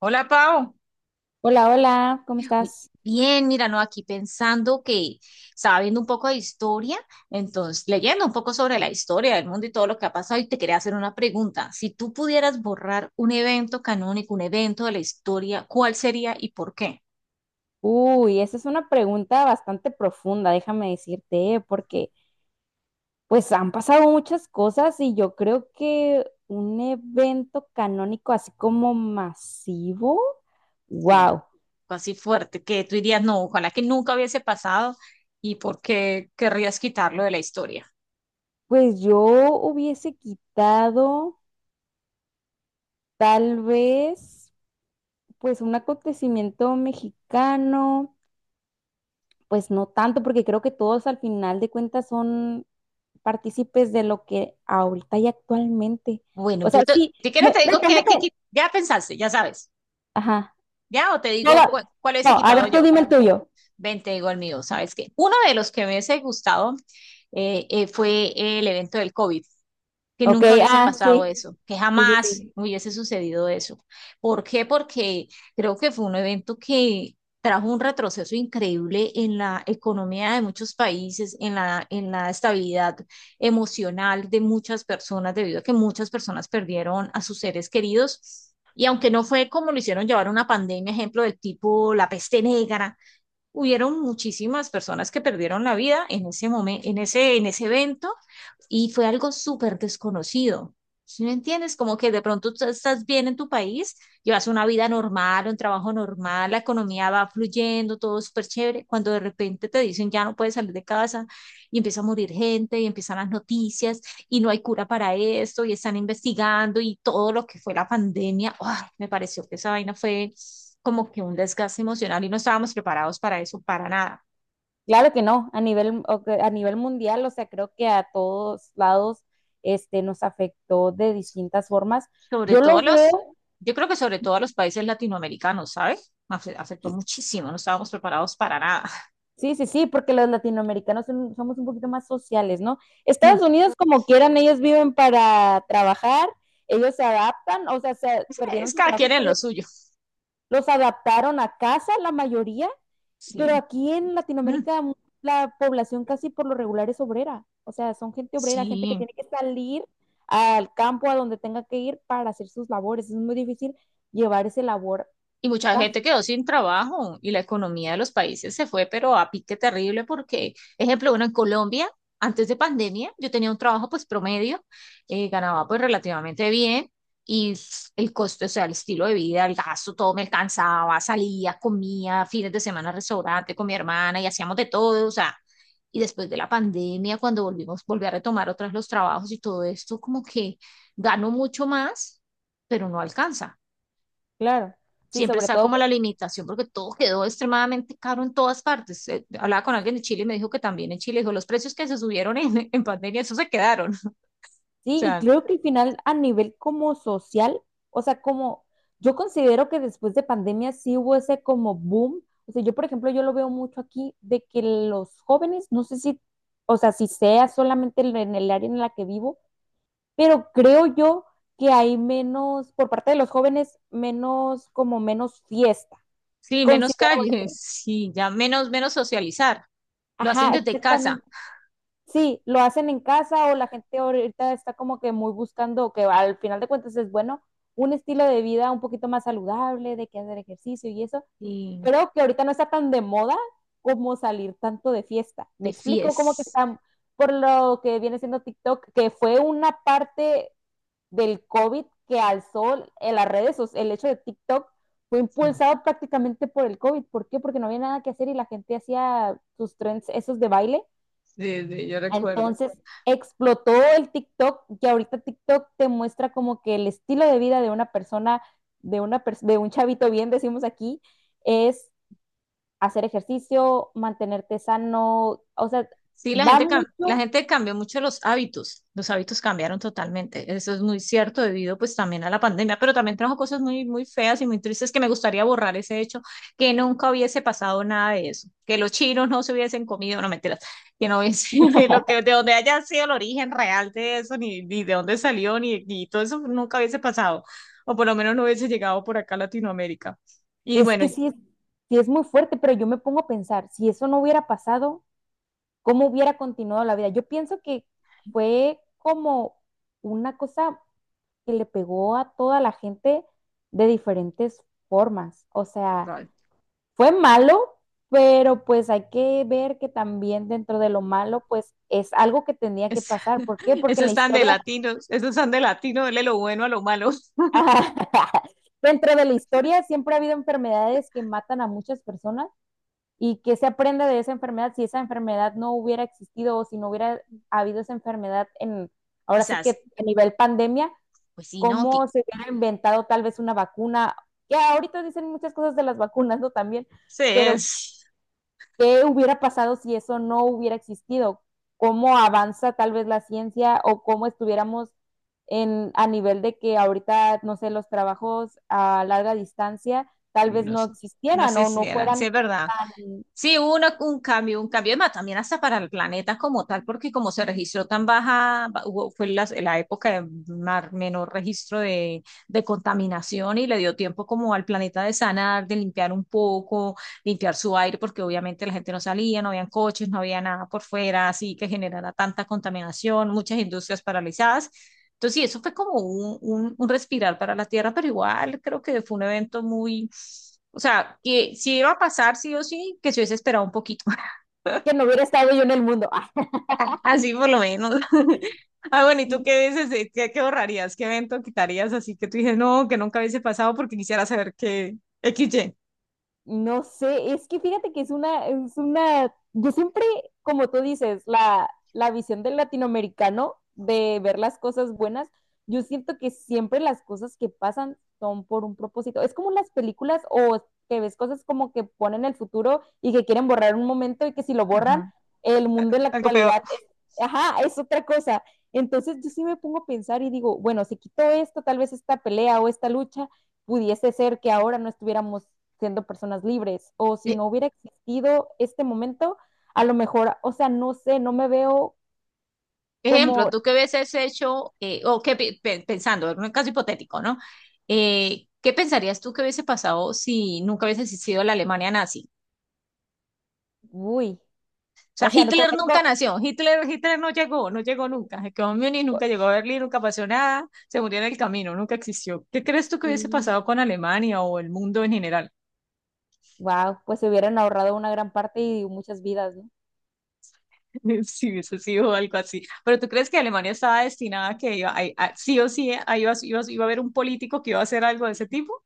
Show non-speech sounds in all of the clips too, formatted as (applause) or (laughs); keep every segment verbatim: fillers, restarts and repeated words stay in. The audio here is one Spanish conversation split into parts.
Hola, Pau. Hola, hola, ¿cómo Uy, estás? Bien, mira, no, aquí pensando que estaba viendo un poco de historia, entonces leyendo un poco sobre la historia del mundo y todo lo que ha pasado, y te quería hacer una pregunta. Si tú pudieras borrar un evento canónico, un evento de la historia, ¿cuál sería y por qué? Uy, esa es una pregunta bastante profunda, déjame decirte, ¿eh? Porque pues han pasado muchas cosas y yo creo que un evento canónico así como masivo, Sí, wow, así fuerte, que tú dirías, no, ojalá que nunca hubiese pasado y por qué querrías quitarlo de la historia. pues yo hubiese quitado tal vez pues un acontecimiento mexicano, pues no tanto, porque creo que todos al final de cuentas son partícipes de lo que ahorita y actualmente. Bueno, O sea, yo te, sí, si quieres me, te me digo que, tengo que, que... que- ya pensaste, ya sabes, Ajá. ya, o te No, no, digo cuál, cuál no, hubiese a quitado ver, tú yo. dime el tuyo. veinte, digo el mío, ¿sabes qué? Uno de los que me hubiese gustado eh, eh, fue el evento del COVID, que Ok, nunca hubiese ah, pasado sí, eso, que sí, sí, jamás sí. hubiese sucedido eso. ¿Por qué? Porque creo que fue un evento que trajo un retroceso increíble en la economía de muchos países, en la, en la estabilidad emocional de muchas personas, debido a que muchas personas perdieron a sus seres queridos. Y aunque no fue como lo hicieron llevar una pandemia, ejemplo del tipo la peste negra, hubieron muchísimas personas que perdieron la vida en ese momento, en ese, en ese evento, y fue algo súper desconocido. ¿Sí me entiendes? Como que de pronto tú estás bien en tu país, llevas una vida normal, un trabajo normal, la economía va fluyendo, todo súper chévere, cuando de repente te dicen ya no puedes salir de casa y empieza a morir gente y empiezan las noticias y no hay cura para esto y están investigando y todo lo que fue la pandemia. ¡Ay! Me pareció que esa vaina fue como que un desgaste emocional y no estábamos preparados para eso, para nada. Claro que no, a nivel, o que- a nivel mundial, o sea, creo que a todos lados este, nos afectó de distintas formas. Sobre Yo todo lo los, veo, yo creo que sobre todo a los países latinoamericanos, ¿sabes? Afe- Afectó muchísimo, no estábamos preparados para nada. (laughs) sí, sí, sí, porque los latinoamericanos son- somos un poquito más sociales, ¿no? Mm. Estados Unidos, como quieran, ellos viven para trabajar, ellos se adaptan, o sea, se Es, perdieron es sus cada trabajos, quien en lo suyo. los adaptaron a casa la mayoría, pero Sí, aquí en mm, Latinoamérica la población casi por lo regular es obrera, o sea, son gente obrera, gente que sí. tiene que salir al campo a donde tenga que ir para hacer sus labores, es muy difícil llevar ese labor a Y mucha casa, gente quedó sin trabajo y la economía de los países se fue, pero a pique terrible porque, ejemplo, bueno, en Colombia, antes de pandemia, yo tenía un trabajo pues promedio, eh, ganaba pues relativamente bien y s- el costo, o sea, el estilo de vida, el gasto, todo me alcanzaba, salía, comía, fines de semana al restaurante con mi hermana y hacíamos de todo, o sea, y después de la pandemia, cuando volvimos, volví a retomar otras los trabajos y todo esto, como que gano mucho más, pero no alcanza claro, sí, siempre sobre está todo como la limitación porque todo quedó extremadamente caro en todas partes. Eh, hablaba con alguien de Chile y me dijo que también en Chile, dijo, los precios que se subieron en, (laughs) en pandemia, eso se quedaron. (laughs) O sí, y sea, creo que al final a nivel como social, o sea, como yo considero que después de pandemia sí hubo ese como boom. O sea, yo por ejemplo, yo lo veo mucho aquí de que los jóvenes, no sé si, o sea, si sea solamente en en el área en la que vivo, pero creo yo que hay menos, por parte de los jóvenes, menos como menos fiesta. sí, menos Considero calles, (laughs) eso. sí, ya menos, menos socializar. Lo hacen Ajá, desde casa exactamente. Sí, lo hacen en casa o la gente ahorita está como que muy buscando, que al final de cuentas es bueno, un estilo de vida un poquito más saludable, de que hacer ejercicio y eso. y Creo que ahorita no está tan de moda como salir tanto de fiesta. Me de explico. Como que fies. está, por lo que viene siendo TikTok, que fue una parte del COVID que alzó en las redes, o sea, el hecho de TikTok fue Sí, impulsado prácticamente por el COVID. ¿Por qué? Porque no había nada que hacer y la gente hacía sus trends, esos de baile, sí, yo recuerdo. entonces explotó el TikTok, que ahorita TikTok te muestra como que el estilo de vida de una persona, de, una pers- de un chavito bien, decimos aquí, es hacer ejercicio, mantenerte sano, o sea, Sí, la va gente, cam- la mucho, gente cambió mucho los hábitos, los hábitos cambiaron totalmente, eso es muy cierto debido pues también a la pandemia, pero también trajo cosas muy, muy feas y muy tristes que me gustaría borrar ese hecho, que nunca hubiese pasado nada de eso, que los chinos no se hubiesen comido, no mentiras, que no hubiese, (laughs) lo que, de donde haya sido el origen real de eso, ni, ni de dónde salió, ni, ni todo eso nunca hubiese pasado, o por lo menos no hubiese llegado por acá a Latinoamérica. Y es bueno, que sí, es- sí es muy fuerte, pero yo me pongo a pensar, si eso no hubiera pasado, ¿cómo hubiera continuado la vida? Yo pienso que fue como una cosa que le pegó a toda la gente de diferentes formas, o sea fue malo, pero pues hay que ver que también dentro de lo malo, pues es algo que tenía que es, pasar. ¿Por (laughs) qué? Porque esos en la están de historia, latinos, esos están de latino, dele lo bueno a lo malo. (laughs) (laughs) dentro de la historia siempre ha habido enfermedades que matan a muchas personas y que se aprende de esa enfermedad. Si esa enfermedad no hubiera existido o si no hubiera habido esa enfermedad en, ahora sí Quizás, que a nivel pandemia, pues sí, ¿no? Que- cómo se hubiera inventado tal vez una vacuna. Ya ahorita dicen muchas cosas de las vacunas, ¿no? También, sí, pero es. ¿qué hubiera pasado si eso no hubiera existido? ¿Cómo avanza tal vez la ciencia o cómo estuviéramos en, a nivel de que ahorita, no sé, los trabajos a larga distancia tal Sí, vez no no sé. No existieran sé o si no eran, sí fueran es verdad. tan, Sí, hubo una- un cambio, un cambio, además también hasta para el planeta como tal, porque como se registró tan baja, ba- hubo- fue la, la época de mar- menor registro de, de contaminación y le dio tiempo como al planeta de sanar, de limpiar un poco, limpiar su aire, porque obviamente la gente no salía, no habían coches, no había nada por fuera, así que generara tanta contaminación, muchas industrias paralizadas. Entonces, sí, eso fue como un, un- un respirar para la Tierra, pero igual creo que fue un evento muy, o sea, que si iba a pasar sí o sí, que se hubiese esperado un poquito, (laughs) que no hubiera estado yo en el mundo. (laughs) así por lo menos. (laughs) Ah, bueno, ¿y tú Ah, qué dices? Eh, ¿Qué, qué borrarías? ¿Qué evento quitarías? Así que tú dices, no, que nunca hubiese pasado porque quisiera saber que X Y. no sé, es que fíjate que es una, es una, yo siempre, como tú dices, la, la visión del latinoamericano de ver las cosas buenas, yo siento que siempre las cosas que pasan son por un propósito. Es como las películas o que ves cosas como que ponen el futuro y que quieren borrar un momento y que si lo borran, Ajá. el mundo en la Algo peor. actualidad es, ajá, es otra cosa. Entonces yo sí me pongo a pensar y digo, bueno, si quito esto, tal vez esta pelea o esta lucha pudiese ser que ahora no estuviéramos siendo personas libres o si E- no hubiera existido este momento, a lo mejor, o sea, no sé, no me veo Ejemplo, como, tú qué hubieses hecho, eh, o qué pi- pe- pensando, en un caso hipotético, ¿no? Eh, ¿qué pensarías tú que hubiese pasado si nunca hubiese existido la Alemania nazi? uy, O sea, o sea, no Hitler nunca conozco, nació, Hitler, Hitler no llegó, no llegó nunca, se quedó en Múnich, pues, nunca llegó a Berlín, nunca pasó nada, se murió en el camino, nunca existió. ¿Qué crees tú que hubiese sí, pasado con Alemania o el mundo en general wow, pues se hubieran ahorrado una gran parte y muchas vidas, ¿no? (laughs) si hubiese sido algo así? Pero ¿tú crees que Alemania estaba destinada a que iba, a- a- sí o sí eh, a- iba, iba, iba a haber un político que iba a hacer algo de ese tipo?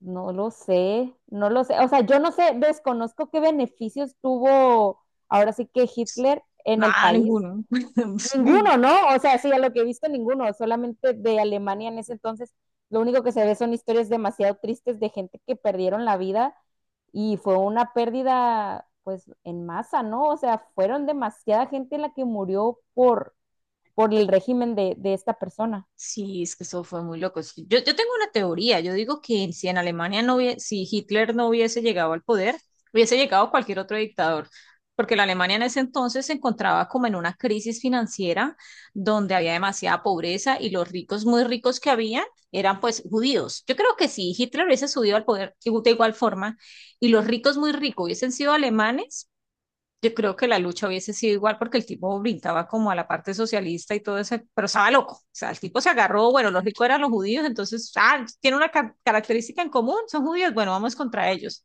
No lo sé, no lo sé, o sea, yo no sé, desconozco qué beneficios tuvo ahora sí que Hitler en el Nada, país. ninguno. (laughs) Ninguno, ¿no? O sea, sí, a lo que he visto, ninguno, solamente de Alemania en ese entonces, lo único que se ve son historias demasiado tristes de gente que perdieron la vida y fue una pérdida, pues, en masa, ¿no? O sea, fueron demasiada gente la que murió por, por el régimen de, de esta persona. Sí, es que eso fue muy loco. Es que Yo, yo tengo una teoría. Yo digo que si en Alemania no hubiese, si Hitler no hubiese llegado al poder, hubiese llegado cualquier otro dictador. Porque la Alemania en ese entonces se encontraba como en una crisis financiera donde había demasiada pobreza y los ricos, muy ricos que habían, eran pues judíos. Yo creo que si Hitler hubiese subido al poder de igual forma y los ricos muy ricos hubiesen sido alemanes, yo creo que la lucha hubiese sido igual porque el tipo brincaba como a la parte socialista y todo eso, pero estaba loco. O sea, el tipo se agarró, bueno, los ricos eran los judíos, entonces, ah, tiene una ca- característica en común, son judíos, bueno, vamos contra ellos.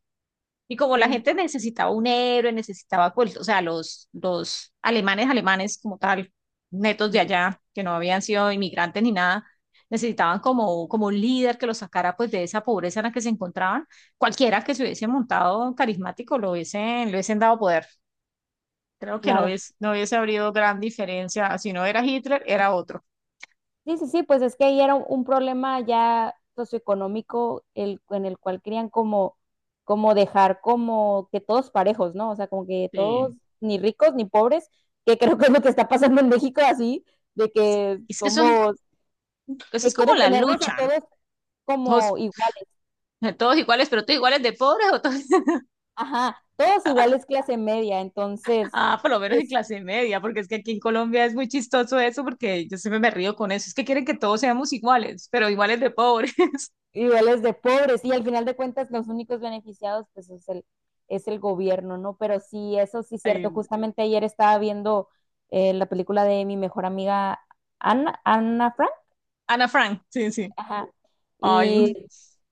Y como la Sí, gente necesitaba un héroe, necesitaba, pues, o sea, los, los alemanes, alemanes como tal, netos de mm, allá, que no habían sido inmigrantes ni nada, necesitaban como, como un líder que los sacara pues de esa pobreza en la que se encontraban. Cualquiera que se hubiese montado carismático lo hubiesen, le hubiesen dado poder. Creo que no claro. hubiese, no hubiese habido gran diferencia. Si no era Hitler, era otro. Sí, sí, sí, pues es que ahí era un, un problema ya socioeconómico el, en el cual querían como, como dejar como que todos parejos, ¿no? O sea, como que todos, Sí. ni ricos ni pobres, que creo que es lo que está pasando en México así, de que Es que eso, es somos, eso es que como quieren la tenernos a lucha, ¿no? todos como Todos, iguales, todos iguales, pero todos iguales de pobres o todos, (laughs) ajá, todos iguales clase media, entonces, ah, por lo menos en pues, clase media, porque es que aquí en Colombia es muy chistoso eso, porque yo siempre me río con eso. Es que quieren que todos seamos iguales, pero iguales de pobres. (laughs) niveles de pobres y al final de cuentas los únicos beneficiados pues es el, es el gobierno, ¿no? Pero sí, eso sí es cierto. Ay, Justamente ayer estaba viendo eh, la película de mi mejor amiga Ana, Ana Frank. Ana Frank, sí, sí. Ajá. Ay, Y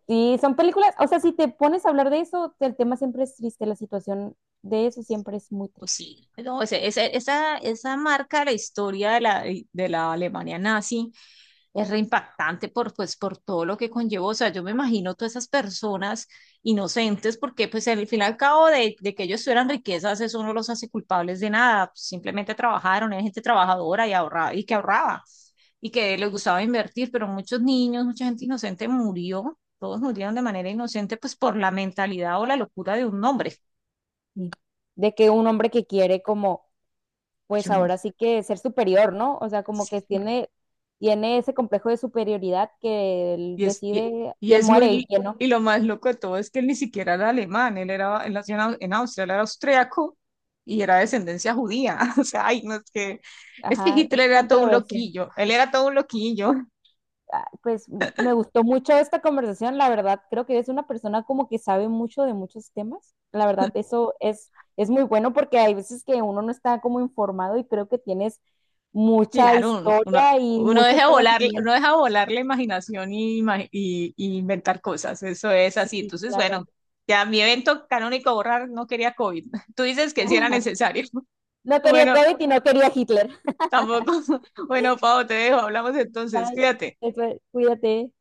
sí, son películas, o sea, si te pones a hablar de eso, el tema siempre es triste, la situación de eso siempre es muy pues triste. sí. No, ese- ese- esa, esa marca la historia de la, de la Alemania nazi es reimpactante por, pues, por todo lo que conllevó. O sea, yo me imagino todas esas personas inocentes, porque pues al fin y al cabo de, de que ellos tuvieran riquezas, eso no los hace culpables de nada. Simplemente trabajaron, era gente trabajadora y, ahorraba, y que ahorraba y que les gustaba invertir, pero muchos niños, mucha gente inocente murió, todos murieron de manera inocente, pues por la mentalidad o la locura de un hombre. Sí. De que un hombre que quiere como pues Yo no, ahora sí que ser superior, ¿no? O sea, como que tiene, tiene ese complejo de superioridad que él Y es, y, decide y quién es muere y muy, quién no. y lo más loco de todo es que él ni siquiera era alemán, él era, él nació en Au- en Austria, él era austriaco y era de descendencia judía. (laughs) O sea, ay, no es que, es que Ajá, es Hitler era todo un controversial. loquillo, él era todo un loquillo. (laughs) Ah, pues m- me gustó mucho esta conversación, la verdad, creo que eres una persona como que sabe mucho de muchos temas. La verdad, eso es, es muy bueno porque hay veces que uno no está como informado y creo que tienes mucha Claro, un- uno, historia y uno muchos deja volar, uno conocimientos. deja volar la imaginación y, ima- y- y inventar cosas, eso es Sí, así. Entonces, claro. bueno, ya mi evento canónico borrar no quería COVID. (laughs) Tú dices que sí era (laughs) necesario. (laughs) No quería Bueno, COVID y no quería Hitler. tampoco. (laughs) Bueno, Pau, te dejo, hablamos entonces, Bye. cuídate. Efe, cuídate.